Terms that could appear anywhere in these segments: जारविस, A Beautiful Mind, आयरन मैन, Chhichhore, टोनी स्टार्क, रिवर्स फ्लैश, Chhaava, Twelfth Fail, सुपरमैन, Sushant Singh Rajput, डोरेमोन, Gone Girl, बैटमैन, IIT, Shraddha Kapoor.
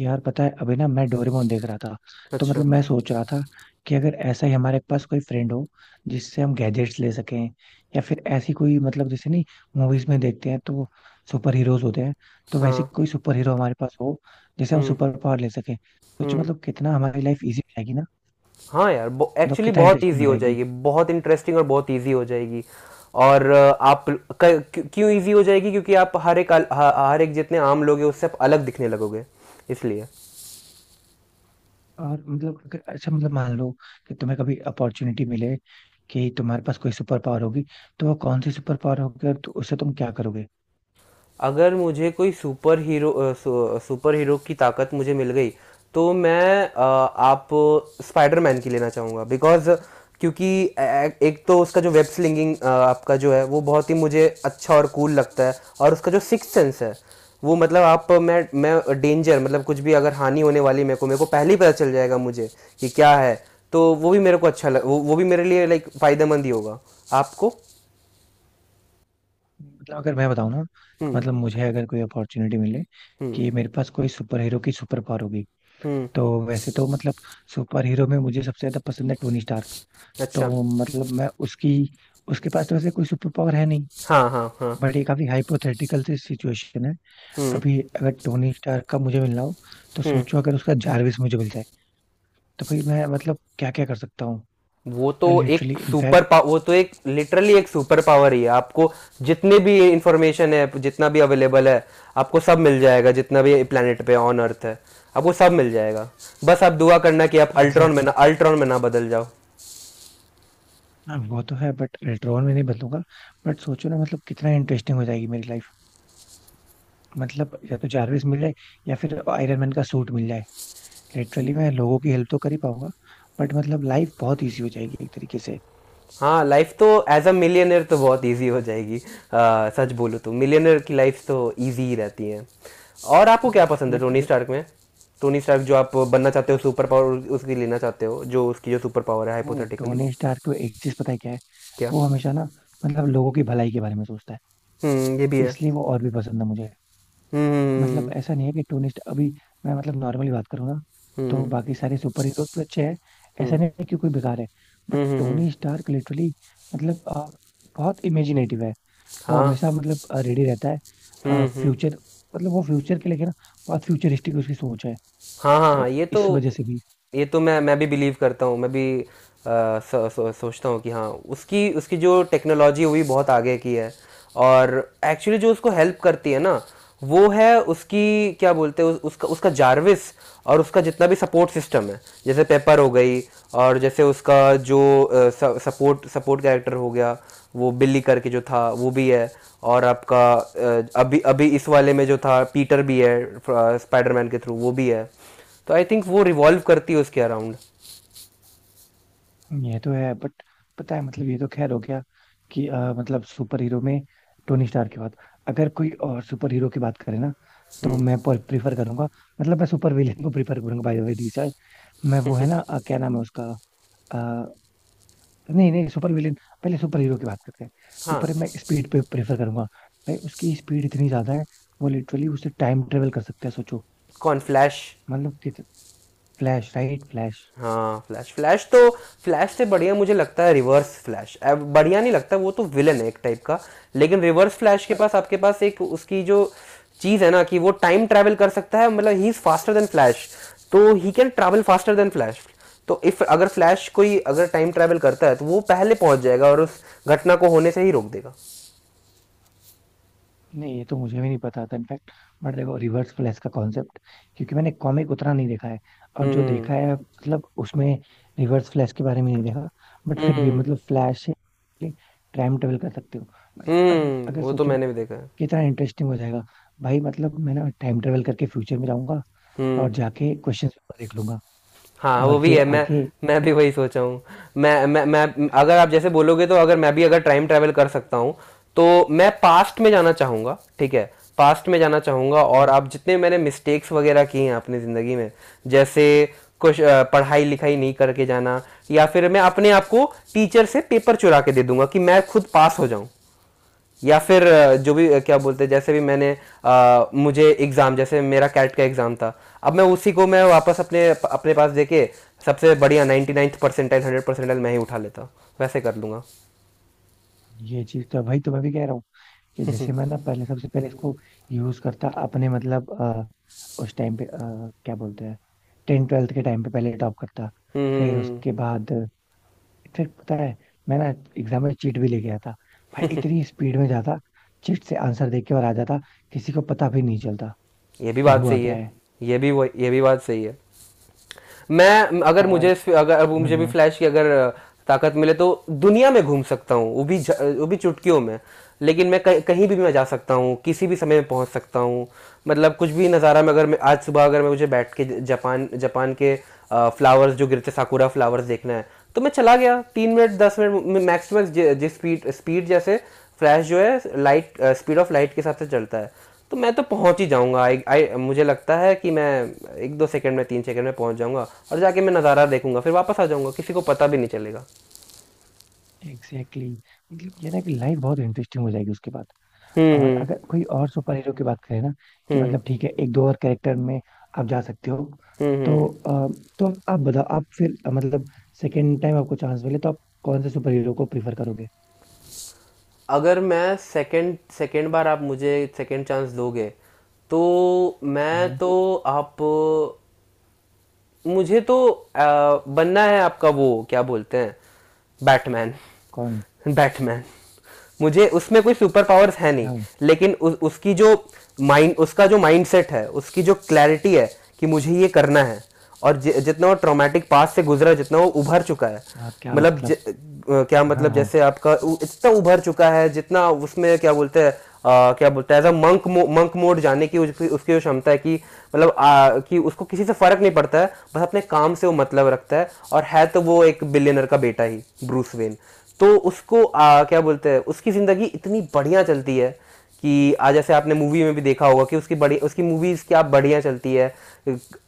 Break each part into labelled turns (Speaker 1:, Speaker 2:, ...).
Speaker 1: यार पता है अभी ना मैं डोरेमोन देख रहा था। तो
Speaker 2: अच्छा।
Speaker 1: मतलब मैं सोच रहा था कि अगर ऐसा ही हमारे पास कोई फ्रेंड हो जिससे हम गैजेट्स ले सकें या फिर ऐसी कोई मतलब जैसे नहीं मूवीज में देखते हैं तो सुपर हीरोज होते हैं। तो वैसे
Speaker 2: हाँ।
Speaker 1: कोई सुपर हीरो हमारे पास हो जिसे हम
Speaker 2: हुँ।
Speaker 1: सुपर पावर ले सकें। सोचो
Speaker 2: हुँ।
Speaker 1: मतलब कितना हमारी लाइफ इजी हो जाएगी ना।
Speaker 2: हाँ यार, ब
Speaker 1: मतलब
Speaker 2: एक्चुअली
Speaker 1: कितना
Speaker 2: बहुत
Speaker 1: इंटरेस्टिंग
Speaker 2: ईज़ी
Speaker 1: हो
Speaker 2: हो
Speaker 1: जाएगी।
Speaker 2: जाएगी, बहुत इंटरेस्टिंग और बहुत ईज़ी हो जाएगी। और आप क क्यों क्यों ईज़ी हो जाएगी क्योंकि आप हर एक अल ह हर एक जितने आम लोग हैं उससे आप अलग दिखने लगोगे, इसलिए।
Speaker 1: और मतलब अगर अच्छा मतलब मान लो कि तुम्हें कभी अपॉर्चुनिटी मिले कि तुम्हारे पास कोई सुपर पावर होगी, तो वो कौन सी सुपर पावर होगी और उससे तुम क्या करोगे?
Speaker 2: अगर मुझे कोई सुपर हीरो सुपर हीरो की ताकत मुझे मिल गई तो मैं अ, आप स्पाइडरमैन की लेना चाहूँगा बिकॉज़ क्योंकि एक तो उसका जो वेब स्लिंगिंग आपका जो है वो बहुत ही मुझे अच्छा और कूल लगता है। और उसका जो सिक्स सेंस है वो मतलब आप मैं डेंजर मतलब कुछ भी अगर हानि होने वाली मेरे को पहले ही पता चल जाएगा मुझे कि क्या है। तो वो भी मेरे को अच्छा लग वो भी मेरे लिए लाइक फ़ायदेमंद ही होगा आपको।
Speaker 1: मतलब अगर मैं बताऊं ना,
Speaker 2: हम्म।
Speaker 1: मतलब मुझे अगर कोई अपॉर्चुनिटी मिले
Speaker 2: हम्म।
Speaker 1: कि मेरे पास कोई सुपर हीरो की सुपर पावर होगी,
Speaker 2: हम्म।
Speaker 1: तो वैसे तो मतलब सुपर हीरो में मुझे सबसे ज्यादा पसंद है टोनी स्टार्क।
Speaker 2: अच्छा।
Speaker 1: तो मतलब मैं उसकी उसके पास तो वैसे कोई सुपर पावर है नहीं।
Speaker 2: हाँ हाँ हाँ।
Speaker 1: बट ये काफी हाइपोथेटिकल सी सिचुएशन है।
Speaker 2: हम्म
Speaker 1: अभी अगर टोनी स्टार्क का मुझे मिलना हो तो
Speaker 2: हम्म।
Speaker 1: सोचो अगर उसका जारविस मुझे मिल जाए तो भाई मैं मतलब क्या क्या कर सकता हूँ।
Speaker 2: वो तो
Speaker 1: यार लिटरली इनफैक्ट।
Speaker 2: वो तो एक लिटरली एक सुपर पावर ही है आपको। जितने भी इंफॉर्मेशन है जितना भी अवेलेबल है आपको सब मिल जाएगा। जितना भी प्लेनेट पे ऑन अर्थ है आपको सब मिल जाएगा। बस आप दुआ करना कि आप
Speaker 1: एग्जैक्टली।
Speaker 2: अल्ट्रॉन में ना बदल जाओ।
Speaker 1: हाँ वो तो है, बट लेटर ऑन में नहीं बदलूंगा। बट सोचो ना मतलब कितना इंटरेस्टिंग हो जाएगी मेरी लाइफ। मतलब या तो जारविस मिल जाए या फिर आयरन मैन का सूट मिल जाए। लिटरली मैं लोगों की हेल्प तो कर ही पाऊंगा। बट मतलब लाइफ बहुत इजी हो जाएगी एक तरीके से।
Speaker 2: हाँ लाइफ तो एज अ मिलियनर तो बहुत इजी हो जाएगी। सच बोलूँ तो मिलियनर की लाइफ तो इजी ही रहती है। और आपको
Speaker 1: नहीं।
Speaker 2: क्या पसंद है टोनी
Speaker 1: बट
Speaker 2: स्टार्क में? टोनी स्टार्क जो आप बनना चाहते हो सुपर पावर उसकी लेना चाहते हो जो उसकी जो सुपर पावर है
Speaker 1: नहीं,
Speaker 2: हाइपोथेटिकली।
Speaker 1: टोनी स्टार्क को एक चीज पता है क्या है।
Speaker 2: क्या?
Speaker 1: वो हमेशा ना मतलब लोगों की भलाई के बारे में सोचता है।
Speaker 2: हम्म, ये भी है।
Speaker 1: इसलिए वो और भी पसंद है मुझे।
Speaker 2: हम्म
Speaker 1: मतलब ऐसा नहीं है कि टोनी स्टार्क अभी, मैं मतलब नॉर्मली बात करूँ ना तो
Speaker 2: हम्म
Speaker 1: बाकी सारे सुपर हीरोज तो अच्छे हैं। ऐसा
Speaker 2: हम्म
Speaker 1: नहीं है कि कोई बेकार है। बट
Speaker 2: हम्म हम्म हम्म, हम्म,
Speaker 1: टोनी स्टार्क लिटरली मतलब बहुत इमेजिनेटिव है। वो
Speaker 2: हाँ।
Speaker 1: हमेशा मतलब रेडी रहता है
Speaker 2: हम्म।
Speaker 1: फ्यूचर। मतलब वो फ्यूचर के लेके ना बहुत फ्यूचरिस्टिक उसकी सोच है।
Speaker 2: हाँ हाँ हाँ,
Speaker 1: तो इस वजह से भी।
Speaker 2: ये तो मैं भी बिलीव करता हूँ। मैं भी सोचता हूँ कि हाँ उसकी उसकी जो टेक्नोलॉजी हुई बहुत आगे की है। और एक्चुअली जो उसको हेल्प करती है ना वो है उसकी क्या बोलते हैं उस, उसका उसका जार्विस। और उसका जितना भी सपोर्ट सिस्टम है जैसे पेपर हो गई और जैसे उसका जो सपोर्ट सपोर्ट कैरेक्टर हो गया वो बिल्ली करके जो था वो भी है। और आपका अभी अभी इस वाले में जो था पीटर भी है स्पाइडरमैन के थ्रू वो भी है। तो आई थिंक वो रिवॉल्व करती है उसके अराउंड।
Speaker 1: ये तो है, बट पता है मतलब ये तो खैर हो गया कि मतलब सुपर हीरो में टोनी स्टार की बात। अगर कोई और सुपर हीरो की बात करें ना तो मैं प्रीफर करूंगा। मतलब मैं सुपर विलेन को प्रीफर करूंगा बाय द वे। मैं वो है ना क्या नाम है उसका। नहीं नहीं, सुपर विलेन। पहले सुपर हीरो की बात करते हैं।
Speaker 2: हाँ।
Speaker 1: सुपर मैं स्पीड पे प्रेफर करूंगा। भाई उसकी स्पीड इतनी ज्यादा है। वो लिटरली उससे टाइम ट्रेवल कर सकता है। सोचो
Speaker 2: कौन, फ्लैश?
Speaker 1: मतलब कि फ्लैश, राइट, फ्लैश।
Speaker 2: हाँ फ्लैश। फ्लैश तो फ्लैश से बढ़िया मुझे लगता है रिवर्स फ्लैश। अब बढ़िया नहीं लगता, वो तो विलन है एक टाइप का। लेकिन रिवर्स फ्लैश के पास आपके पास एक उसकी जो चीज़ है ना कि वो टाइम ट्रैवल कर सकता है मतलब he is faster than Flash. तो he can travel faster than Flash. तो इफ अगर फ्लैश कोई अगर टाइम ट्रैवल करता है तो वो पहले पहुंच जाएगा और उस घटना को होने से ही रोक देगा।
Speaker 1: नहीं ये तो मुझे भी नहीं पता था इनफैक्ट। बट देखो रिवर्स फ्लैश का कॉन्सेप्ट, क्योंकि मैंने कॉमिक उतना नहीं देखा है। और जो
Speaker 2: हम्म
Speaker 1: देखा है मतलब उसमें रिवर्स फ्लैश के बारे में नहीं देखा। बट
Speaker 2: हम्म
Speaker 1: फिर भी
Speaker 2: हम्म
Speaker 1: मतलब फ्लैश से टाइम ट्रेवल कर सकते हो। मतलब अगर अगर
Speaker 2: वो तो
Speaker 1: सोचो ना
Speaker 2: मैंने भी देखा है।
Speaker 1: कितना इंटरेस्टिंग हो जाएगा। भाई मतलब मैं ना टाइम ट्रेवल करके फ्यूचर में जाऊंगा
Speaker 2: हम्म।
Speaker 1: और जाके क्वेश्चन पेपर देख लूंगा।
Speaker 2: हाँ
Speaker 1: और
Speaker 2: वो भी
Speaker 1: फिर
Speaker 2: है। मैं
Speaker 1: आके,
Speaker 2: मैं भी वही सोचा हूँ। मैं अगर आप जैसे बोलोगे तो अगर मैं भी अगर टाइम ट्रैवल कर सकता हूँ तो मैं पास्ट में जाना चाहूँगा। ठीक है, पास्ट में जाना चाहूँगा और आप जितने मैंने मिस्टेक्स वगैरह किए हैं अपनी ज़िंदगी में जैसे कुछ पढ़ाई लिखाई नहीं करके जाना, या फिर मैं अपने आप को टीचर से पेपर चुरा के दे दूंगा कि मैं खुद पास हो जाऊं। या फिर जो भी क्या बोलते हैं जैसे भी मैंने मुझे एग्ज़ाम जैसे मेरा कैट का एग्ज़ाम था। अब मैं उसी को मैं वापस अपने अपने पास देके सबसे बढ़िया 99th परसेंटाइल 100 परसेंटाइल मैं ही उठा लेता हूँ, वैसे कर लूँगा।
Speaker 1: ये चीज तो भाई, तो मैं भी कह रहा हूँ कि जैसे मैं ना पहले सबसे पहले इसको यूज करता अपने मतलब उस टाइम पे क्या बोलते हैं, टेन ट्वेल्थ के टाइम पे पहले टॉप करता।
Speaker 2: हम्म
Speaker 1: फिर
Speaker 2: हम्म, हम्म।
Speaker 1: उसके बाद, फिर पता है, मैं ना एग्जाम में चीट भी ले गया था। भाई इतनी स्पीड में जाता, चीट से आंसर देख के और आ जाता। किसी को पता भी नहीं चलता
Speaker 2: ये भी
Speaker 1: कि
Speaker 2: बात
Speaker 1: हुआ
Speaker 2: सही
Speaker 1: क्या
Speaker 2: है।
Speaker 1: है।
Speaker 2: ये भी बात सही है। मैं अगर
Speaker 1: और
Speaker 2: मुझे अगर अब मुझे भी
Speaker 1: हम्म
Speaker 2: फ्लैश की अगर ताकत मिले तो दुनिया में घूम सकता हूँ वो भी वो भी चुटकियों में। लेकिन मैं कहीं कहीं भी मैं जा सकता हूँ किसी भी समय में पहुँच सकता हूँ। मतलब कुछ भी नज़ारा में, अगर मैं आज सुबह अगर मैं मुझे बैठ के जापान जापान के फ्लावर्स जो गिरते साकुरा फ्लावर्स देखना है तो मैं चला गया 3 मिनट, 10 मिनट मैक्स मैक्स। जिस स्पीड स्पीड जैसे फ्लैश जो है लाइट स्पीड ऑफ लाइट के हिसाब से चलता है तो मैं तो पहुंच ही जाऊंगा। आई आई मुझे लगता है कि मैं एक दो सेकंड में 3 सेकंड में पहुंच जाऊंगा और जाके मैं नज़ारा देखूंगा फिर वापस आ जाऊंगा किसी को पता भी नहीं चलेगा।
Speaker 1: Exactly, exactly. मतलब ये ना कि लाइफ बहुत इंटरेस्टिंग हो जाएगी उसके बाद।
Speaker 2: हम्म
Speaker 1: और
Speaker 2: हम्म
Speaker 1: अगर कोई और सुपर हीरो की बात करें ना कि
Speaker 2: हम्म
Speaker 1: मतलब ठीक है एक दो और कैरेक्टर में आप जा सकते हो।
Speaker 2: हम्म।
Speaker 1: तो
Speaker 2: हम्म।
Speaker 1: तो आप बताओ, आप फिर मतलब सेकेंड टाइम आपको चांस मिले तो आप कौन से सुपर हीरो को प्रीफर करोगे?
Speaker 2: अगर मैं सेकंड सेकंड बार आप मुझे सेकंड चांस दोगे तो मैं
Speaker 1: हाँ।
Speaker 2: तो आप मुझे तो बनना है आपका वो क्या बोलते हैं बैटमैन।
Speaker 1: कौन?
Speaker 2: बैटमैन। मुझे उसमें कोई सुपर पावर्स है नहीं
Speaker 1: अच्छा।
Speaker 2: लेकिन उ, उसकी जो माइंड उसका जो माइंडसेट है उसकी जो क्लैरिटी है कि मुझे ये करना है। और जितना वो ट्रॉमेटिक पास से गुजरा जितना वो उभर चुका है।
Speaker 1: हाँ, क्या
Speaker 2: मतलब
Speaker 1: मतलब।
Speaker 2: क्या
Speaker 1: हाँ
Speaker 2: मतलब
Speaker 1: हाँ।
Speaker 2: जैसे इतना उभर चुका है जितना उसमें क्या बोलते हैं अ, क्या बोलते हैं एज अ मंक मोड जाने की उसकी उसकी जो क्षमता है कि मतलब कि उसको किसी से फर्क नहीं पड़ता है बस अपने काम से वो मतलब रखता है। और है तो वो एक बिलियनर का बेटा ही, ब्रूस वेन। तो उसको क्या बोलते हैं उसकी ज़िंदगी इतनी बढ़िया चलती है कि आज जैसे आपने मूवी में भी देखा होगा कि उसकी मूवीज क्या बढ़िया चलती है।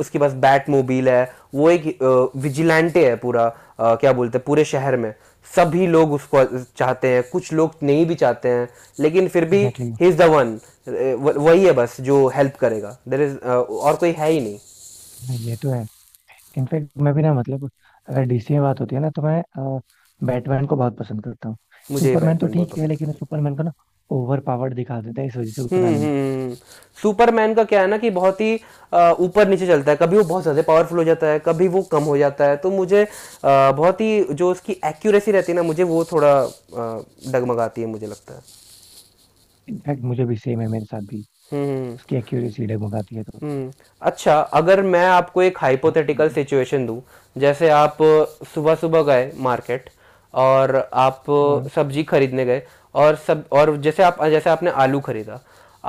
Speaker 2: उसके पास बैट मोबाइल है, वो एक विजिलेंटे है पूरा क्या बोलते हैं पूरे शहर में सभी लोग उसको चाहते हैं, कुछ लोग नहीं भी चाहते हैं लेकिन फिर भी
Speaker 1: exactly,
Speaker 2: he is the one. वही है बस जो हेल्प करेगा, देर इज और कोई है ही नहीं।
Speaker 1: exactly, ये तो है। इनफैक्ट मैं भी ना मतलब, अगर डीसी में बात होती है ना तो मैं बैटमैन को बहुत पसंद करता हूँ।
Speaker 2: मुझे ये
Speaker 1: सुपरमैन तो
Speaker 2: बैटमैन बहुत
Speaker 1: ठीक है
Speaker 2: पसंद है।
Speaker 1: लेकिन सुपरमैन को ना ओवर पावर्ड दिखा देते हैं, इस वजह से उतना नहीं।
Speaker 2: हम्म। सुपरमैन का क्या है ना कि बहुत ही ऊपर नीचे चलता है, कभी वो बहुत ज़्यादा पावरफुल हो जाता है कभी वो कम हो जाता है। तो मुझे बहुत ही जो उसकी एक्यूरेसी रहती है ना मुझे वो थोड़ा डगमगाती है मुझे लगता है।
Speaker 1: इनफैक्ट मुझे भी सेम है, मेरे साथ भी।
Speaker 2: हम्म हम्म,
Speaker 1: उसकी
Speaker 2: हम्म।
Speaker 1: एक्यूरेसी डगमगाती है तो।
Speaker 2: हम्म। अच्छा अगर मैं आपको एक हाइपोथेटिकल
Speaker 1: हाँ
Speaker 2: सिचुएशन दूं। जैसे आप सुबह सुबह गए मार्केट, और आप
Speaker 1: हाँ
Speaker 2: सब्जी खरीदने गए और सब और जैसे आप जैसे आपने आलू खरीदा।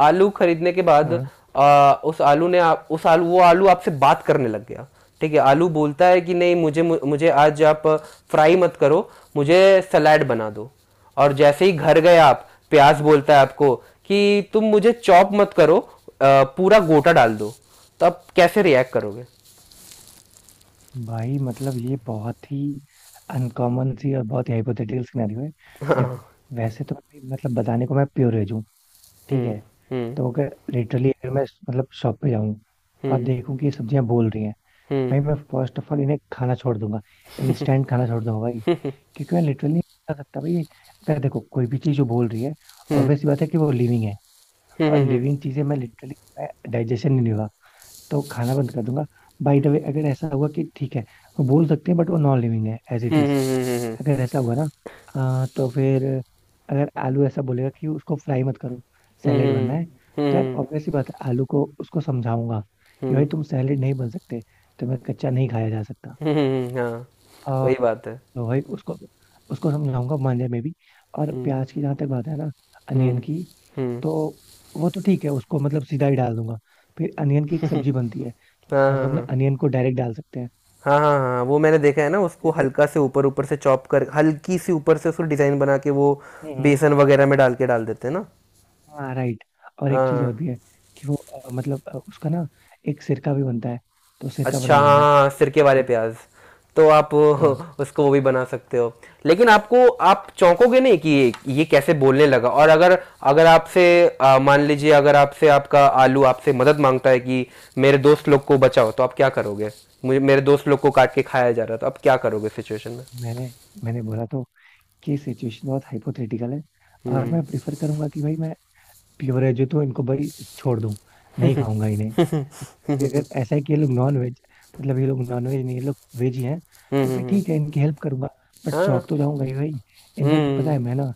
Speaker 2: आलू खरीदने के बाद
Speaker 1: हाँ।
Speaker 2: उस आलू ने आप उस आलू वो आलू आपसे बात करने लग गया। ठीक है, आलू बोलता है कि नहीं मुझे मुझे आज आप फ्राई मत करो, मुझे सलाड बना दो। और जैसे ही घर गए आप प्याज बोलता है आपको कि तुम मुझे चॉप मत करो पूरा गोटा डाल दो। तो आप कैसे रिएक्ट करोगे?
Speaker 1: भाई मतलब ये बहुत ही अनकॉमन सी और बहुत ही हाइपोथेटिकल सिनेरियो है। देखो, वैसे तो भाई मतलब बताने को मैं प्योरेज हूँ। ठीक
Speaker 2: हम्म
Speaker 1: है।
Speaker 2: हम्म
Speaker 1: तो अगर लिटरली, अगर मैं मतलब शॉप पे जाऊँ और
Speaker 2: हम्म
Speaker 1: देखूँ कि ये सब्जियां बोल रही हैं,
Speaker 2: हम्म
Speaker 1: भाई मैं फर्स्ट ऑफ ऑल इन्हें खाना छोड़ दूंगा। इंस्टेंट खाना छोड़ दूंगा भाई। क्योंकि मैं लिटरली नहीं खा सकता भाई। अगर देखो कोई भी चीज जो बोल रही है,
Speaker 2: हम्म
Speaker 1: ऑब्वियस बात है कि वो लिविंग है। और
Speaker 2: हम्म
Speaker 1: लिविंग चीजें मैं लिटरली, डाइजेशन नहीं होगा। तो खाना बंद कर दूंगा। बाय द वे, अगर ऐसा हुआ कि ठीक है वो बोल सकते हैं बट वो नॉन लिविंग है as it
Speaker 2: hmm
Speaker 1: is.
Speaker 2: Hmm hmm hmm hmm hmm hmm,
Speaker 1: अगर ऐसा हुआ ना, तो फिर अगर आलू ऐसा बोलेगा कि उसको फ्राई मत करो, सैलेड बनना है, तो यार
Speaker 2: हम्म,
Speaker 1: ऑब्वियस ही बात है, आलू को उसको समझाऊंगा कि
Speaker 2: हम्म,
Speaker 1: भाई तुम सैलेड नहीं बन सकते। तुम्हें कच्चा नहीं खाया जा सकता।
Speaker 2: हाँ।
Speaker 1: और
Speaker 2: वही बात है।
Speaker 1: तो भाई उसको उसको समझाऊंगा, मान जाए मे भी। और
Speaker 2: हम्म
Speaker 1: प्याज की जहां तक बात है ना,
Speaker 2: हम्म
Speaker 1: अनियन की।
Speaker 2: हम्म।
Speaker 1: तो वो तो ठीक है, उसको मतलब सीधा ही डाल दूंगा। फिर अनियन की एक सब्जी बनती है।
Speaker 2: हाँ
Speaker 1: हम लोग ना
Speaker 2: हाँ
Speaker 1: अनियन को डायरेक्ट डाल सकते हैं।
Speaker 2: हाँ हाँ हाँ, हाँ वो मैंने देखा है ना उसको
Speaker 1: या फिर
Speaker 2: हल्का से ऊपर ऊपर से चॉप कर, हल्की सी ऊपर से उसको डिज़ाइन बना के वो
Speaker 1: हम्म
Speaker 2: बेसन वगैरह में डाल के डाल देते हैं ना।
Speaker 1: हाँ राइट। और
Speaker 2: हाँ
Speaker 1: एक चीज
Speaker 2: हाँ,
Speaker 1: और भी है कि वो मतलब उसका ना एक सिरका भी बनता है। तो सिरका
Speaker 2: अच्छा
Speaker 1: बना लूंगा
Speaker 2: हाँ सिरके
Speaker 1: उससे।
Speaker 2: वाले प्याज। तो आप
Speaker 1: हाँ।
Speaker 2: उसको वो भी बना सकते हो। लेकिन आपको आप चौंकोगे नहीं कि ये कैसे बोलने लगा? और अगर अगर आपसे आ, मान लीजिए अगर आपसे आपका आलू आपसे मदद मांगता है कि मेरे दोस्त लोग को बचाओ तो आप क्या करोगे? मुझे मेरे दोस्त लोग को काट के खाया जा रहा है तो आप क्या करोगे सिचुएशन में?
Speaker 1: मैंने मैंने बोला तो कि सिचुएशन बहुत हाइपोथेटिकल है। और
Speaker 2: हम्म
Speaker 1: मैं प्रिफर करूंगा कि भाई मैं प्योर वेज हूं, तो इनको भाई छोड़ दूं। नहीं खाऊंगा इन्हें। फिर अगर ऐसा है कि ये लोग नॉन वेज, मतलब ये लोग नॉन वेज नहीं, ये लोग वेज ही हैं।
Speaker 2: हम्म
Speaker 1: तो
Speaker 2: हम्म
Speaker 1: फिर
Speaker 2: हम्म, हम्म।
Speaker 1: ठीक है इनकी हेल्प करूंगा। बट
Speaker 2: हाँ।
Speaker 1: चौक तो जाऊंगा ही भाई।
Speaker 2: हम्म
Speaker 1: इनफेक्ट पता
Speaker 2: हम्म।
Speaker 1: है, मैं ना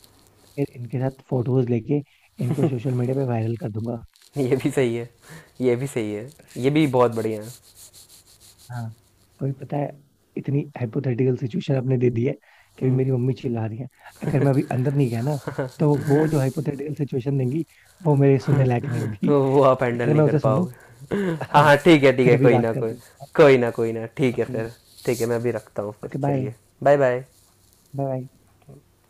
Speaker 1: फिर इनके साथ फोटोज लेके इनको सोशल मीडिया पे वायरल कर दूंगा।
Speaker 2: ये भी सही है। ये भी सही है। ये भी बहुत बढ़िया है।
Speaker 1: हाँ। कोई पता है, इतनी हाइपोथेटिकल सिचुएशन आपने दे दी है कि
Speaker 2: हम्म।
Speaker 1: मेरी मम्मी चिल्ला रही है। अगर मैं अभी अंदर नहीं गया ना, तो वो जो हाइपोथेटिकल सिचुएशन देंगी वो मेरे सुनने लायक नहीं होगी।
Speaker 2: तो वो आप हैंडल
Speaker 1: बेटर
Speaker 2: नहीं
Speaker 1: मैं
Speaker 2: कर
Speaker 1: उसे सुन लूं।
Speaker 2: पाओगे। हाँ हाँ ठीक है, ठीक
Speaker 1: फिर
Speaker 2: है
Speaker 1: अभी
Speaker 2: कोई
Speaker 1: बात
Speaker 2: ना कोई,
Speaker 1: करते हैं।
Speaker 2: कोई ना कोई ना, ठीक है
Speaker 1: ओके।
Speaker 2: फिर। ठीक है मैं अभी रखता हूँ फिर,
Speaker 1: ओके बाय।
Speaker 2: चलिए। Bye bye.
Speaker 1: Bye bye.